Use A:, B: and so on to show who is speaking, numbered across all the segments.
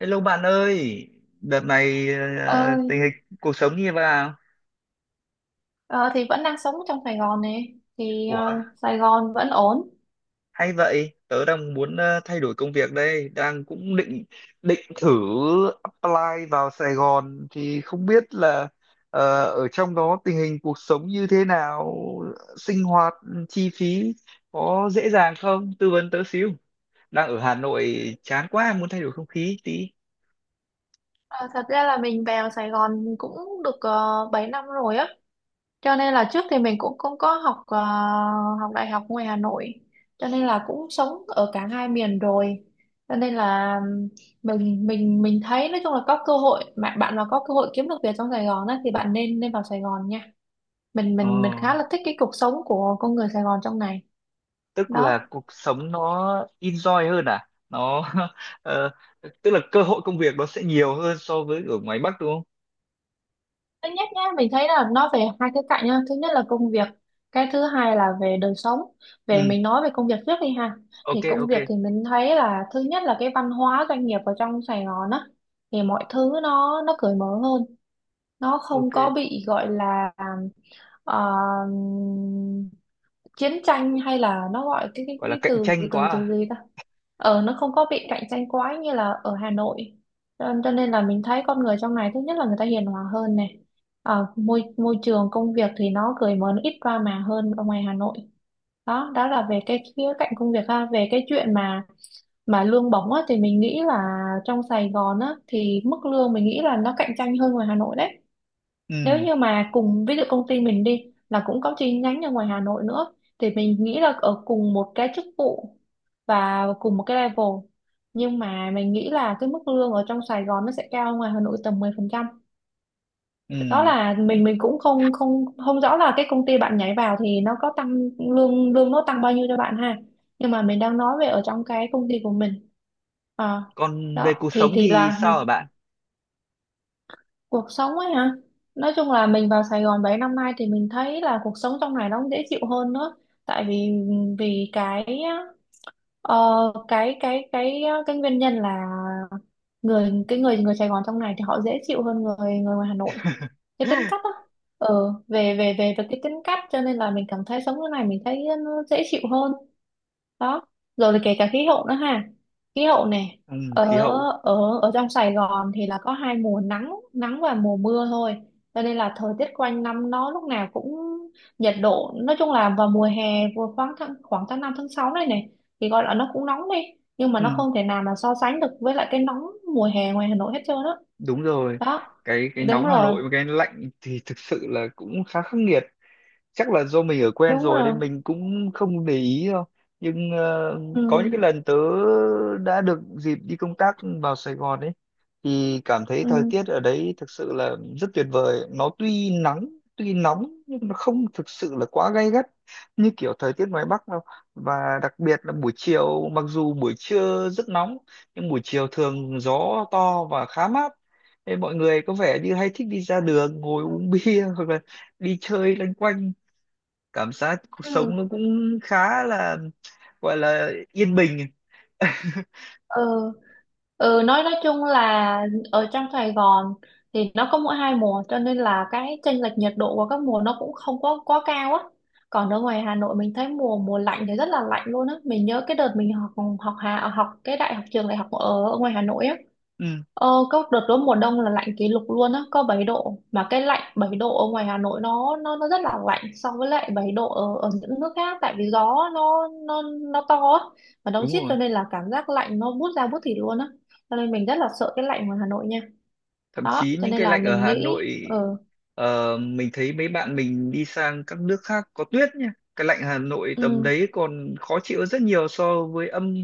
A: Hello bạn ơi, đợt này
B: Ơi.
A: tình hình cuộc sống như thế nào?
B: Ờ, thì vẫn đang sống trong Sài Gòn này thì
A: Ủa,
B: Sài Gòn vẫn ổn.
A: hay vậy, tớ đang muốn thay đổi công việc đây, đang cũng định định thử apply vào Sài Gòn thì không biết là ở trong đó tình hình cuộc sống như thế nào, sinh hoạt, chi phí có dễ dàng không? Tư vấn tớ xíu. Đang ở Hà Nội chán quá, muốn thay đổi không khí tí.
B: Ờ, thật ra là mình vào Sài Gòn cũng được 7 năm rồi á, cho nên là trước thì mình cũng không có học học đại học ngoài Hà Nội, cho nên là cũng sống ở cả hai miền rồi, cho nên là mình thấy nói chung là có cơ hội mà bạn mà có cơ hội kiếm được việc trong Sài Gòn á thì bạn nên nên vào Sài Gòn nha. mình
A: Ờ,
B: mình mình khá là thích cái cuộc sống của con người Sài Gòn trong này.
A: tức là
B: Đó,
A: cuộc sống nó enjoy hơn à, nó ờ, tức là cơ hội công việc nó sẽ nhiều hơn so với ở ngoài Bắc đúng không?
B: thứ nhất nhá, mình thấy là nó về hai khía cạnh nhá, thứ nhất là công việc, cái thứ hai là về đời sống. Về
A: Ừ,
B: mình nói về công việc trước đi ha.
A: ok,
B: Thì công
A: ok,
B: việc thì mình thấy là thứ nhất là cái văn hóa doanh nghiệp ở trong Sài Gòn á, thì mọi thứ nó cởi mở hơn, nó không
A: ok,
B: có bị gọi là ờ, chiến tranh hay là nó gọi cái cái,
A: gọi là
B: cái
A: cạnh
B: từ
A: tranh quá
B: từ từ
A: à.
B: gì ta. Ờ, nó không có bị cạnh tranh quá như là ở Hà Nội, cho nên là mình thấy con người trong này thứ nhất là người ta hiền hòa hơn này. Ờ, môi môi trường công việc thì nó cởi mở, nó ít drama hơn ở ngoài Hà Nội. Đó, đó là về cái khía cạnh công việc ha. Về cái chuyện mà lương bổng á, thì mình nghĩ là trong Sài Gòn á, thì mức lương mình nghĩ là nó cạnh tranh hơn ngoài Hà Nội đấy.
A: Ừ.
B: Nếu như mà cùng ví dụ công ty mình đi là cũng có chi nhánh ở ngoài Hà Nội nữa thì mình nghĩ là ở cùng một cái chức vụ và cùng một cái level, nhưng mà mình nghĩ là cái mức lương ở trong Sài Gòn nó sẽ cao hơn ngoài Hà Nội tầm 10%.
A: Ừ,
B: Đó là mình cũng không không không rõ là cái công ty bạn nhảy vào thì nó có tăng lương lương nó tăng bao nhiêu cho bạn ha, nhưng mà mình đang nói về ở trong cái công ty của mình. Ờ,
A: còn về
B: Đó
A: cuộc sống
B: thì
A: thì
B: là
A: sao hả bạn?
B: cuộc sống ấy hả. Nói chung là mình vào Sài Gòn 7 năm nay thì mình thấy là cuộc sống trong này nó cũng dễ chịu hơn nữa, tại vì vì cái Ờ, cái cái nguyên nhân là người cái người người Sài Gòn trong này thì họ dễ chịu hơn người người ngoài Hà Nội. Cái tính cách á, về về về về cái tính cách, cho nên là mình cảm thấy sống thế này mình thấy nó dễ chịu hơn. Đó, rồi là kể cả khí hậu nữa ha, khí hậu này.
A: ừ,
B: ở
A: khí hậu.
B: ở ở trong Sài Gòn thì là có hai mùa, nắng nắng và mùa mưa thôi, cho nên là thời tiết quanh năm nó lúc nào cũng nhiệt độ nói chung là vào mùa hè vừa khoảng tháng 5 tháng 6 này này thì gọi là nó cũng nóng đi, nhưng mà nó
A: Ừ,
B: không thể nào mà so sánh được với lại cái nóng mùa hè ngoài Hà Nội hết trơn á.
A: đúng rồi,
B: Đó.
A: cái
B: Đúng
A: nóng Hà
B: rồi.
A: Nội và cái lạnh thì thực sự là cũng khá khắc nghiệt. Chắc là do mình ở quen
B: Đúng
A: rồi
B: rồi.
A: nên mình cũng không để ý đâu, nhưng
B: Ừ.
A: có những cái lần tớ đã được dịp đi công tác vào Sài Gòn ấy thì cảm thấy thời
B: Ừ.
A: tiết ở đấy thực sự là rất tuyệt vời, nó tuy nắng tuy nóng nhưng nó không thực sự là quá gay gắt như kiểu thời tiết ngoài Bắc đâu. Và đặc biệt là buổi chiều, mặc dù buổi trưa rất nóng nhưng buổi chiều thường gió to và khá mát. Nên mọi người có vẻ như hay thích đi ra đường ngồi uống bia hoặc là đi chơi loanh quanh, cảm giác cuộc sống nó
B: Ừ.
A: cũng khá là gọi là yên bình.
B: Ừ, ừ nói chung là ở trong Sài Gòn thì nó có mỗi hai mùa, cho nên là cái chênh lệch nhiệt độ của các mùa nó cũng không có quá cao á. Còn ở ngoài Hà Nội mình thấy mùa mùa lạnh thì rất là lạnh luôn á. Mình nhớ cái đợt mình học học hà học cái đại học trường đại học ở ngoài Hà Nội á.
A: ừ,
B: Ờ, có đợt đó mùa đông là lạnh kỷ lục luôn á, có 7 độ mà cái lạnh 7 độ ở ngoài Hà Nội nó rất là lạnh so với lại 7 độ ở ở những nước khác, tại vì gió nó to á, ở đâu
A: đúng
B: rít,
A: rồi,
B: cho nên là cảm giác lạnh nó buốt da buốt thịt luôn á. Cho nên mình rất là sợ cái lạnh ngoài Hà Nội nha.
A: thậm
B: Đó,
A: chí
B: cho
A: những
B: nên
A: cái
B: là
A: lạnh ở
B: mình
A: Hà
B: nghĩ
A: Nội,
B: ừ,
A: mình thấy mấy bạn mình đi sang các nước khác có tuyết nhá, cái lạnh Hà Nội tầm
B: ừ
A: đấy còn khó chịu rất nhiều so với âm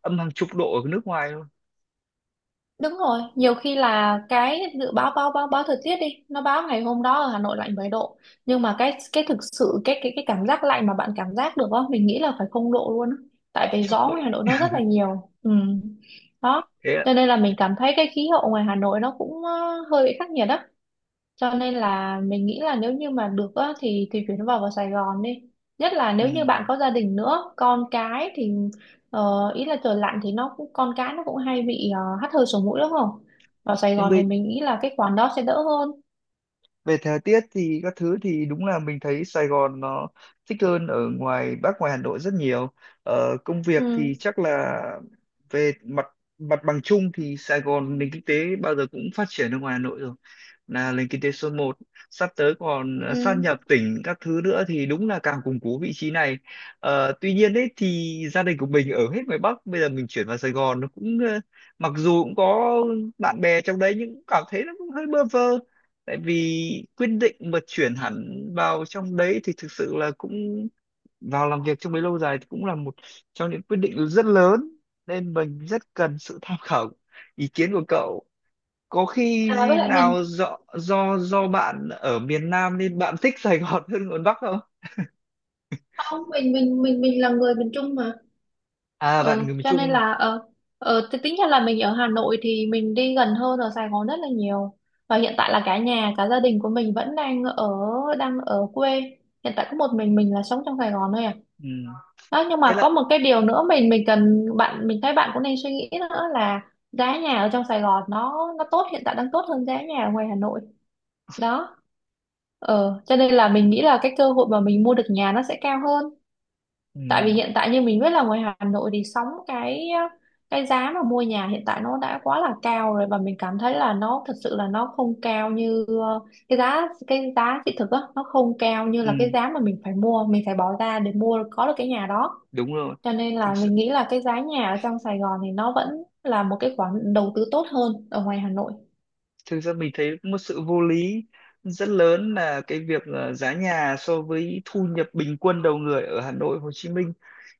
A: âm hàng chục độ ở nước ngoài luôn.
B: đúng rồi. Nhiều khi là cái dự báo báo báo báo thời tiết đi nó báo ngày hôm đó ở Hà Nội lạnh 7 độ, nhưng mà cái thực sự cái cảm giác lạnh mà bạn cảm giác được á mình nghĩ là phải 0 độ luôn á, tại vì
A: Chắc
B: gió ngoài
A: vậy.
B: Hà Nội nó rất là nhiều ừ. Đó,
A: Thế ạ.
B: cho nên là mình cảm thấy cái khí hậu ngoài Hà Nội nó cũng hơi bị khắc nghiệt đó. Cho nên là mình nghĩ là nếu như mà được á, thì chuyển vào vào Sài Gòn đi. Nhất là
A: Ừ,
B: nếu như bạn có gia đình nữa, con cái thì ý là trời lạnh thì nó cũng con cái nó cũng hay bị hắt hơi sổ mũi đúng không? Vào Sài
A: nhưng
B: Gòn thì
A: bây
B: mình nghĩ là cái khoản đó sẽ đỡ hơn.
A: về thời tiết thì các thứ thì đúng là mình thấy Sài Gòn nó thích hơn ở ngoài Bắc ngoài Hà Nội rất nhiều. Công việc
B: Ừ.
A: thì chắc là về mặt mặt bằng chung thì Sài Gòn nền kinh tế bao giờ cũng phát triển ở ngoài Hà Nội rồi, là nền kinh tế số một, sắp tới còn
B: Ừ.
A: sát nhập tỉnh các thứ nữa thì đúng là càng củng cố vị trí này. Tuy nhiên đấy thì gia đình của mình ở hết ngoài Bắc, bây giờ mình chuyển vào Sài Gòn nó cũng mặc dù cũng có bạn bè trong đấy nhưng cũng cảm thấy nó cũng hơi bơ vơ. Tại vì quyết định mà chuyển hẳn vào trong đấy thì thực sự là cũng vào làm việc trong đấy lâu dài thì cũng là một trong những quyết định rất lớn, nên mình rất cần sự tham khảo ý kiến của cậu. Có khi
B: À với lại
A: nào
B: mình
A: do bạn ở miền Nam nên bạn thích Sài Gòn hơn miền Bắc không?
B: không, mình là người miền Trung mà.
A: À bạn
B: Ờ
A: người miền
B: cho nên
A: Trung.
B: là ờ, ờ thì tính ra là mình ở Hà Nội thì mình đi gần hơn ở Sài Gòn rất là nhiều, và hiện tại là cả nhà cả gia đình của mình vẫn đang ở quê, hiện tại có một mình là sống trong Sài Gòn thôi à.
A: Ừ,
B: Đó, nhưng
A: thế
B: mà
A: là.
B: có một cái điều nữa mình cần bạn mình thấy bạn cũng nên suy nghĩ nữa là giá nhà ở trong Sài Gòn nó tốt hiện tại đang tốt hơn giá nhà ở ngoài Hà Nội. Đó, ờ cho nên là mình nghĩ là cái cơ hội mà mình mua được nhà nó sẽ cao hơn,
A: Ừ.
B: tại vì hiện tại như mình biết là ngoài Hà Nội thì sóng cái giá mà mua nhà hiện tại nó đã quá là cao rồi và mình cảm thấy là nó thật sự là nó không cao như cái giá thị thực á, nó không cao như là cái
A: Ừ,
B: giá mà mình phải mua, mình phải bỏ ra để mua có được cái nhà đó.
A: đúng rồi.
B: Cho nên
A: thực
B: là mình nghĩ là cái giá nhà ở trong Sài Gòn thì nó vẫn là một cái khoản đầu tư tốt hơn ở ngoài Hà Nội.
A: thực ra mình thấy một sự vô lý rất lớn là cái việc giá nhà so với thu nhập bình quân đầu người ở Hà Nội, Hồ Chí Minh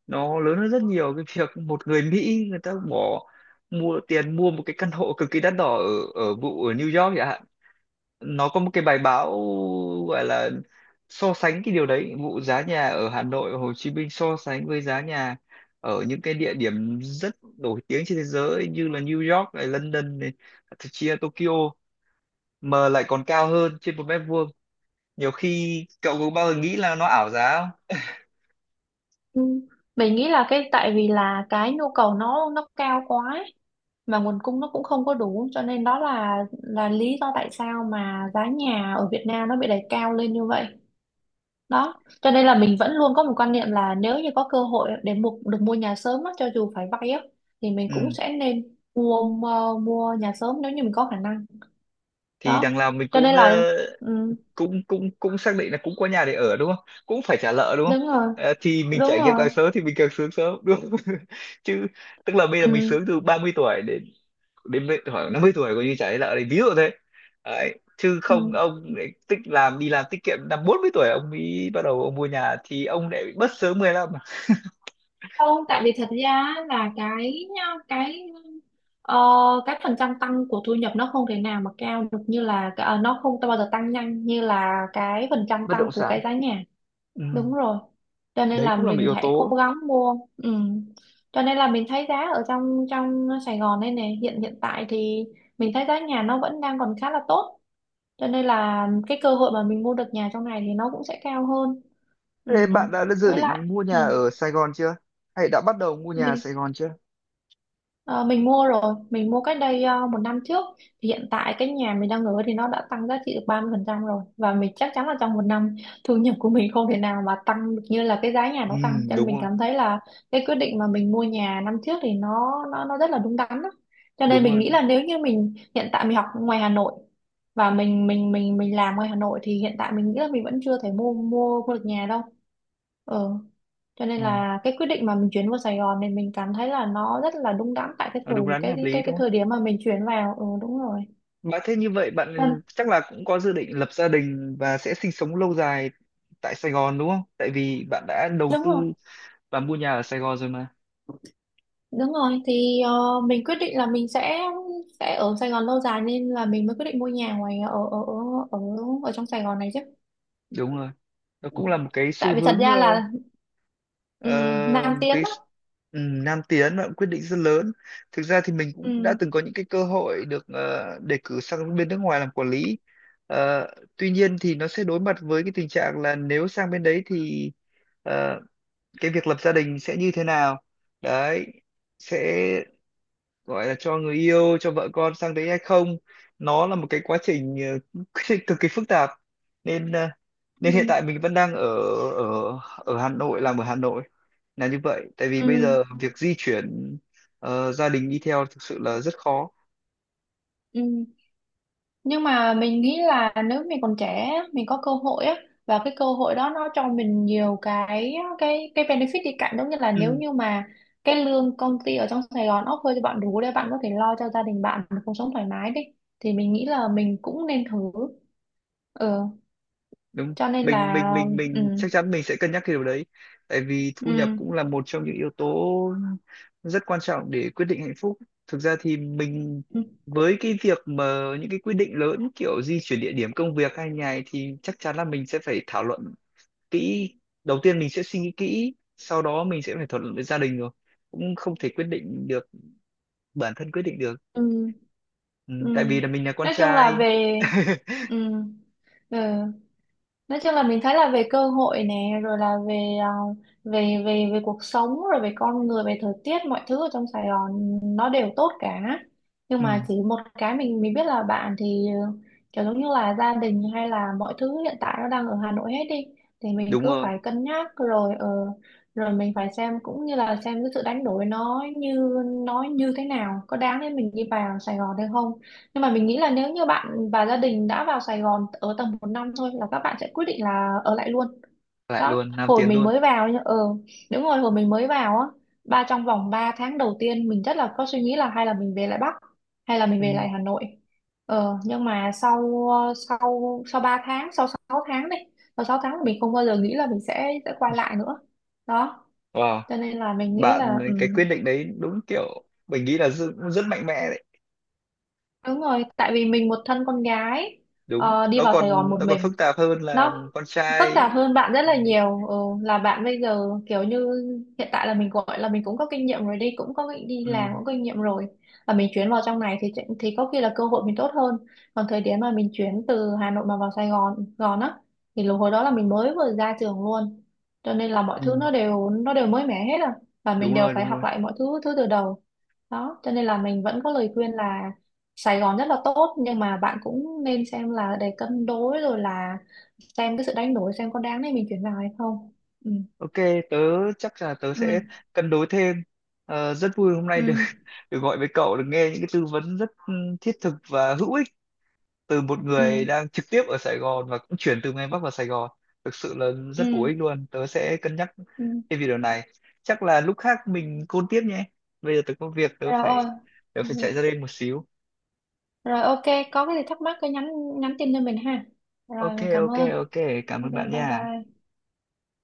A: nó lớn hơn rất nhiều cái việc một người Mỹ người ta bỏ mua tiền mua một cái căn hộ cực kỳ đắt đỏ ở ở vụ ở New York chẳng hạn. Nó có một cái bài báo gọi là so sánh cái điều đấy, vụ giá nhà ở Hà Nội và Hồ Chí Minh so sánh với giá nhà ở những cái địa điểm rất nổi tiếng trên thế giới như là New York này, London này, thậm chí là Tokyo, mà lại còn cao hơn trên một mét vuông nhiều khi. Cậu có bao giờ nghĩ là nó ảo giá không?
B: Ừ. Mình nghĩ là cái tại vì là cái nhu cầu nó cao quá ấy, mà nguồn cung nó cũng không có đủ, cho nên đó là lý do tại sao mà giá nhà ở Việt Nam nó bị đẩy cao lên như vậy. Đó, cho nên là mình vẫn luôn có một quan niệm là nếu như có cơ hội để mua được mua nhà sớm á, cho dù phải vay á thì mình
A: Ừ,
B: cũng sẽ nên mua mua, mua nhà sớm nếu như mình có khả năng.
A: thì
B: Đó,
A: đằng nào mình
B: cho
A: cũng
B: nên là ừ,
A: cũng xác định là cũng có nhà để ở đúng không, cũng phải trả nợ đúng không?
B: đúng rồi,
A: Ờ, thì mình
B: đúng
A: trải nghiệm
B: rồi,
A: càng sớm thì mình càng sướng sớm đúng không? chứ tức là bây giờ mình
B: ừ,
A: sướng từ 30 tuổi đến đến bây- khoảng 50 tuổi coi như trả nợ đấy, ví dụ thế đấy. Chứ không
B: ừ.
A: ông lại tích làm đi làm tiết kiệm năm 40 tuổi ông mới bắt đầu ông mua nhà thì ông lại bị mất sớm 15 à.
B: Không, tại vì thật ra là cái ờ, cái phần trăm tăng của thu nhập nó không thể nào mà cao được như là nó không bao giờ tăng nhanh như là cái phần trăm
A: Bất
B: tăng
A: động
B: của cái
A: sản.
B: giá nhà.
A: Ừ,
B: Đúng rồi. Cho nên
A: đấy
B: là
A: cũng là một
B: mình
A: yếu
B: hãy cố
A: tố.
B: gắng mua. Ừ. Cho nên là mình thấy giá ở trong trong Sài Gòn đây này hiện hiện tại thì mình thấy giá nhà nó vẫn đang còn khá là tốt. Cho nên là cái cơ hội mà mình mua được nhà trong này thì nó cũng sẽ cao hơn.
A: Ê,
B: Ừ.
A: bạn đã dự
B: Với lại
A: định mua
B: ừ.
A: nhà ở Sài Gòn chưa? Hay đã bắt đầu mua nhà ở
B: Mình.
A: Sài Gòn chưa?
B: Ờ, mình mua rồi, mình mua cách đây một năm trước. Thì hiện tại cái nhà mình đang ở thì nó đã tăng giá trị được 30% rồi. Và mình chắc chắn là trong một năm thu nhập của mình không thể nào mà tăng được như là cái giá nhà
A: Ừ,
B: nó tăng. Cho nên
A: đúng
B: mình
A: rồi,
B: cảm thấy là cái quyết định mà mình mua nhà năm trước thì nó rất là đúng đắn đó. Cho nên
A: đúng
B: mình
A: rồi,
B: nghĩ
A: đúng.
B: là nếu như mình hiện tại mình học ngoài Hà Nội và mình làm ngoài Hà Nội thì hiện tại mình nghĩ là mình vẫn chưa thể mua mua mua được nhà đâu. Ừ, cho nên
A: Ừ,
B: là cái quyết định mà mình chuyển vào Sài Gòn này mình cảm thấy là nó rất là đúng đắn tại cái
A: ờ, đúng
B: thời
A: đắn
B: cái
A: hợp lý
B: cái cái
A: đúng không?
B: thời điểm mà mình chuyển vào. Ừ, đúng rồi.
A: Bạn thế như vậy
B: Ừ,
A: bạn chắc là cũng có dự định lập gia đình và sẽ sinh sống lâu dài tại Sài Gòn đúng không? Tại vì bạn đã đầu
B: đúng
A: tư
B: rồi,
A: và mua nhà ở Sài Gòn rồi mà.
B: đúng rồi thì mình quyết định là mình sẽ ở Sài Gòn lâu dài, nên là mình mới quyết định mua nhà ngoài ở ở ở ở, ở trong Sài Gòn này chứ.
A: Đúng rồi. Nó
B: Ừ.
A: cũng là một cái
B: Tại
A: xu
B: vì thật
A: hướng
B: ra là ừ,
A: ờ,
B: Nam
A: một
B: Tiến
A: cái
B: đó.
A: nam tiến, và quyết định rất lớn. Thực ra thì mình cũng đã
B: Ừ,
A: từng có những cái cơ hội được đề cử sang bên nước ngoài làm quản lý. Ờ, tuy nhiên thì nó sẽ đối mặt với cái tình trạng là nếu sang bên đấy thì ờ, cái việc lập gia đình sẽ như thế nào, đấy sẽ gọi là cho người yêu cho vợ con sang đấy hay không. Nó là một cái quá trình ờ, cực kỳ phức tạp nên nên hiện
B: ừ,
A: tại mình vẫn đang ở ở ở Hà Nội, làm ở Hà Nội là như vậy. Tại vì
B: ừ,
A: bây giờ việc di chuyển gia đình đi theo thực sự là rất khó.
B: ừ. Nhưng mà mình nghĩ là nếu mình còn trẻ á, mình có cơ hội á, và cái cơ hội đó nó cho mình nhiều cái benefit đi cạnh, giống như là nếu
A: Ừ,
B: như mà cái lương công ty ở trong Sài Gòn offer cho bạn đủ để bạn có thể lo cho gia đình bạn một cuộc sống thoải mái đi, thì mình nghĩ là mình cũng nên thử. Ừ,
A: đúng.
B: cho nên
A: mình
B: là.
A: mình mình
B: Ừ,
A: mình chắc chắn mình sẽ cân nhắc cái điều đấy, tại vì thu nhập
B: ừ,
A: cũng là một trong những yếu tố rất quan trọng để quyết định hạnh phúc. Thực ra thì mình
B: ừ,
A: với cái việc mà những cái quyết định lớn kiểu di chuyển địa điểm công việc hay nhà ấy thì chắc chắn là mình sẽ phải thảo luận kỹ. Đầu tiên mình sẽ suy nghĩ kỹ, sau đó mình sẽ phải thảo luận với gia đình, rồi cũng không thể quyết định được, bản thân quyết định được.
B: ừ,
A: Ừ,
B: ừ.
A: tại vì là mình là con
B: Nói chung là
A: trai.
B: về, ừ, ừ, nói chung là mình thấy là về cơ hội nè, rồi là về về cuộc sống, rồi về con người, về thời tiết, mọi thứ ở trong Sài Gòn nó đều tốt cả. Nhưng mà
A: ừ,
B: chỉ một cái, mình biết là bạn thì kiểu giống như là gia đình hay là mọi thứ hiện tại nó đang ở Hà Nội hết đi, thì mình
A: đúng
B: cứ
A: rồi,
B: phải cân nhắc rồi, rồi mình phải xem cũng như là xem cái sự đánh đổi nó như thế nào, có đáng để mình đi vào Sài Gòn hay không. Nhưng mà mình nghĩ là nếu như bạn và gia đình đã vào Sài Gòn ở tầm một năm thôi là các bạn sẽ quyết định là ở lại luôn.
A: lại
B: Đó,
A: luôn nam
B: hồi
A: tiến
B: mình
A: luôn.
B: mới vào nhá. Ờ Đúng rồi, hồi mình mới vào á, trong vòng 3 tháng đầu tiên mình rất là có suy nghĩ là hay là mình về lại Bắc, hay là mình về
A: Ừ.
B: lại Hà Nội. Nhưng mà sau sau sau 3 tháng, sau 6 tháng này, sau 6 tháng mình không bao giờ nghĩ là mình sẽ quay lại nữa. Đó,
A: Wow,
B: cho nên là mình nghĩ
A: bạn
B: là,
A: cái
B: ừ,
A: quyết định đấy đúng kiểu mình nghĩ là rất, rất mạnh mẽ đấy.
B: đúng rồi, tại vì mình một thân con gái
A: Đúng,
B: đi vào Sài Gòn một
A: nó còn
B: mình,
A: phức tạp hơn là
B: nó
A: con
B: phức
A: trai.
B: tạp hơn bạn rất
A: Ừ,
B: là nhiều. Ừ, là bạn bây giờ kiểu như hiện tại là mình gọi là mình cũng có kinh nghiệm rồi đi, cũng có đi
A: ừ,
B: làm cũng có kinh nghiệm rồi, và mình chuyển vào trong này thì có khi là cơ hội mình tốt hơn. Còn thời điểm mà mình chuyển từ Hà Nội mà vào Sài Gòn Gòn á, thì lúc hồi đó là mình mới vừa ra trường luôn, cho nên là mọi thứ
A: ừ,
B: nó đều mới mẻ hết à. Và mình
A: đúng
B: đều
A: rồi,
B: phải
A: đúng
B: học
A: rồi.
B: lại mọi thứ thứ từ đầu. Đó, cho nên là mình vẫn có lời khuyên là Sài Gòn rất là tốt, nhưng mà bạn cũng nên xem là để cân đối rồi là xem cái sự đánh đổi, xem có đáng để mình chuyển vào hay không. Ừ,
A: Ok, tớ chắc là tớ
B: ừ,
A: sẽ cân đối thêm. Ờ, rất vui hôm nay được
B: ừ,
A: được gọi với cậu, được nghe những cái tư vấn rất ừ, thiết thực và hữu ích từ một người
B: ừ,
A: đang trực tiếp ở Sài Gòn và cũng chuyển từ miền Bắc vào Sài Gòn. Thực sự là
B: ừ,
A: rất bổ ích luôn, tớ sẽ cân nhắc.
B: ừ.
A: Cái video này chắc là lúc khác mình côn tiếp nhé, bây giờ tớ có việc,
B: Rồi.
A: tớ
B: Ừ.
A: phải chạy ra đây một xíu.
B: Rồi, ok, có cái gì thắc mắc cứ nhắn nhắn tin cho mình ha.
A: Ok,
B: Rồi mình cảm
A: ok,
B: ơn.
A: ok, cảm
B: Ok,
A: ơn bạn
B: bye
A: nha.
B: bye.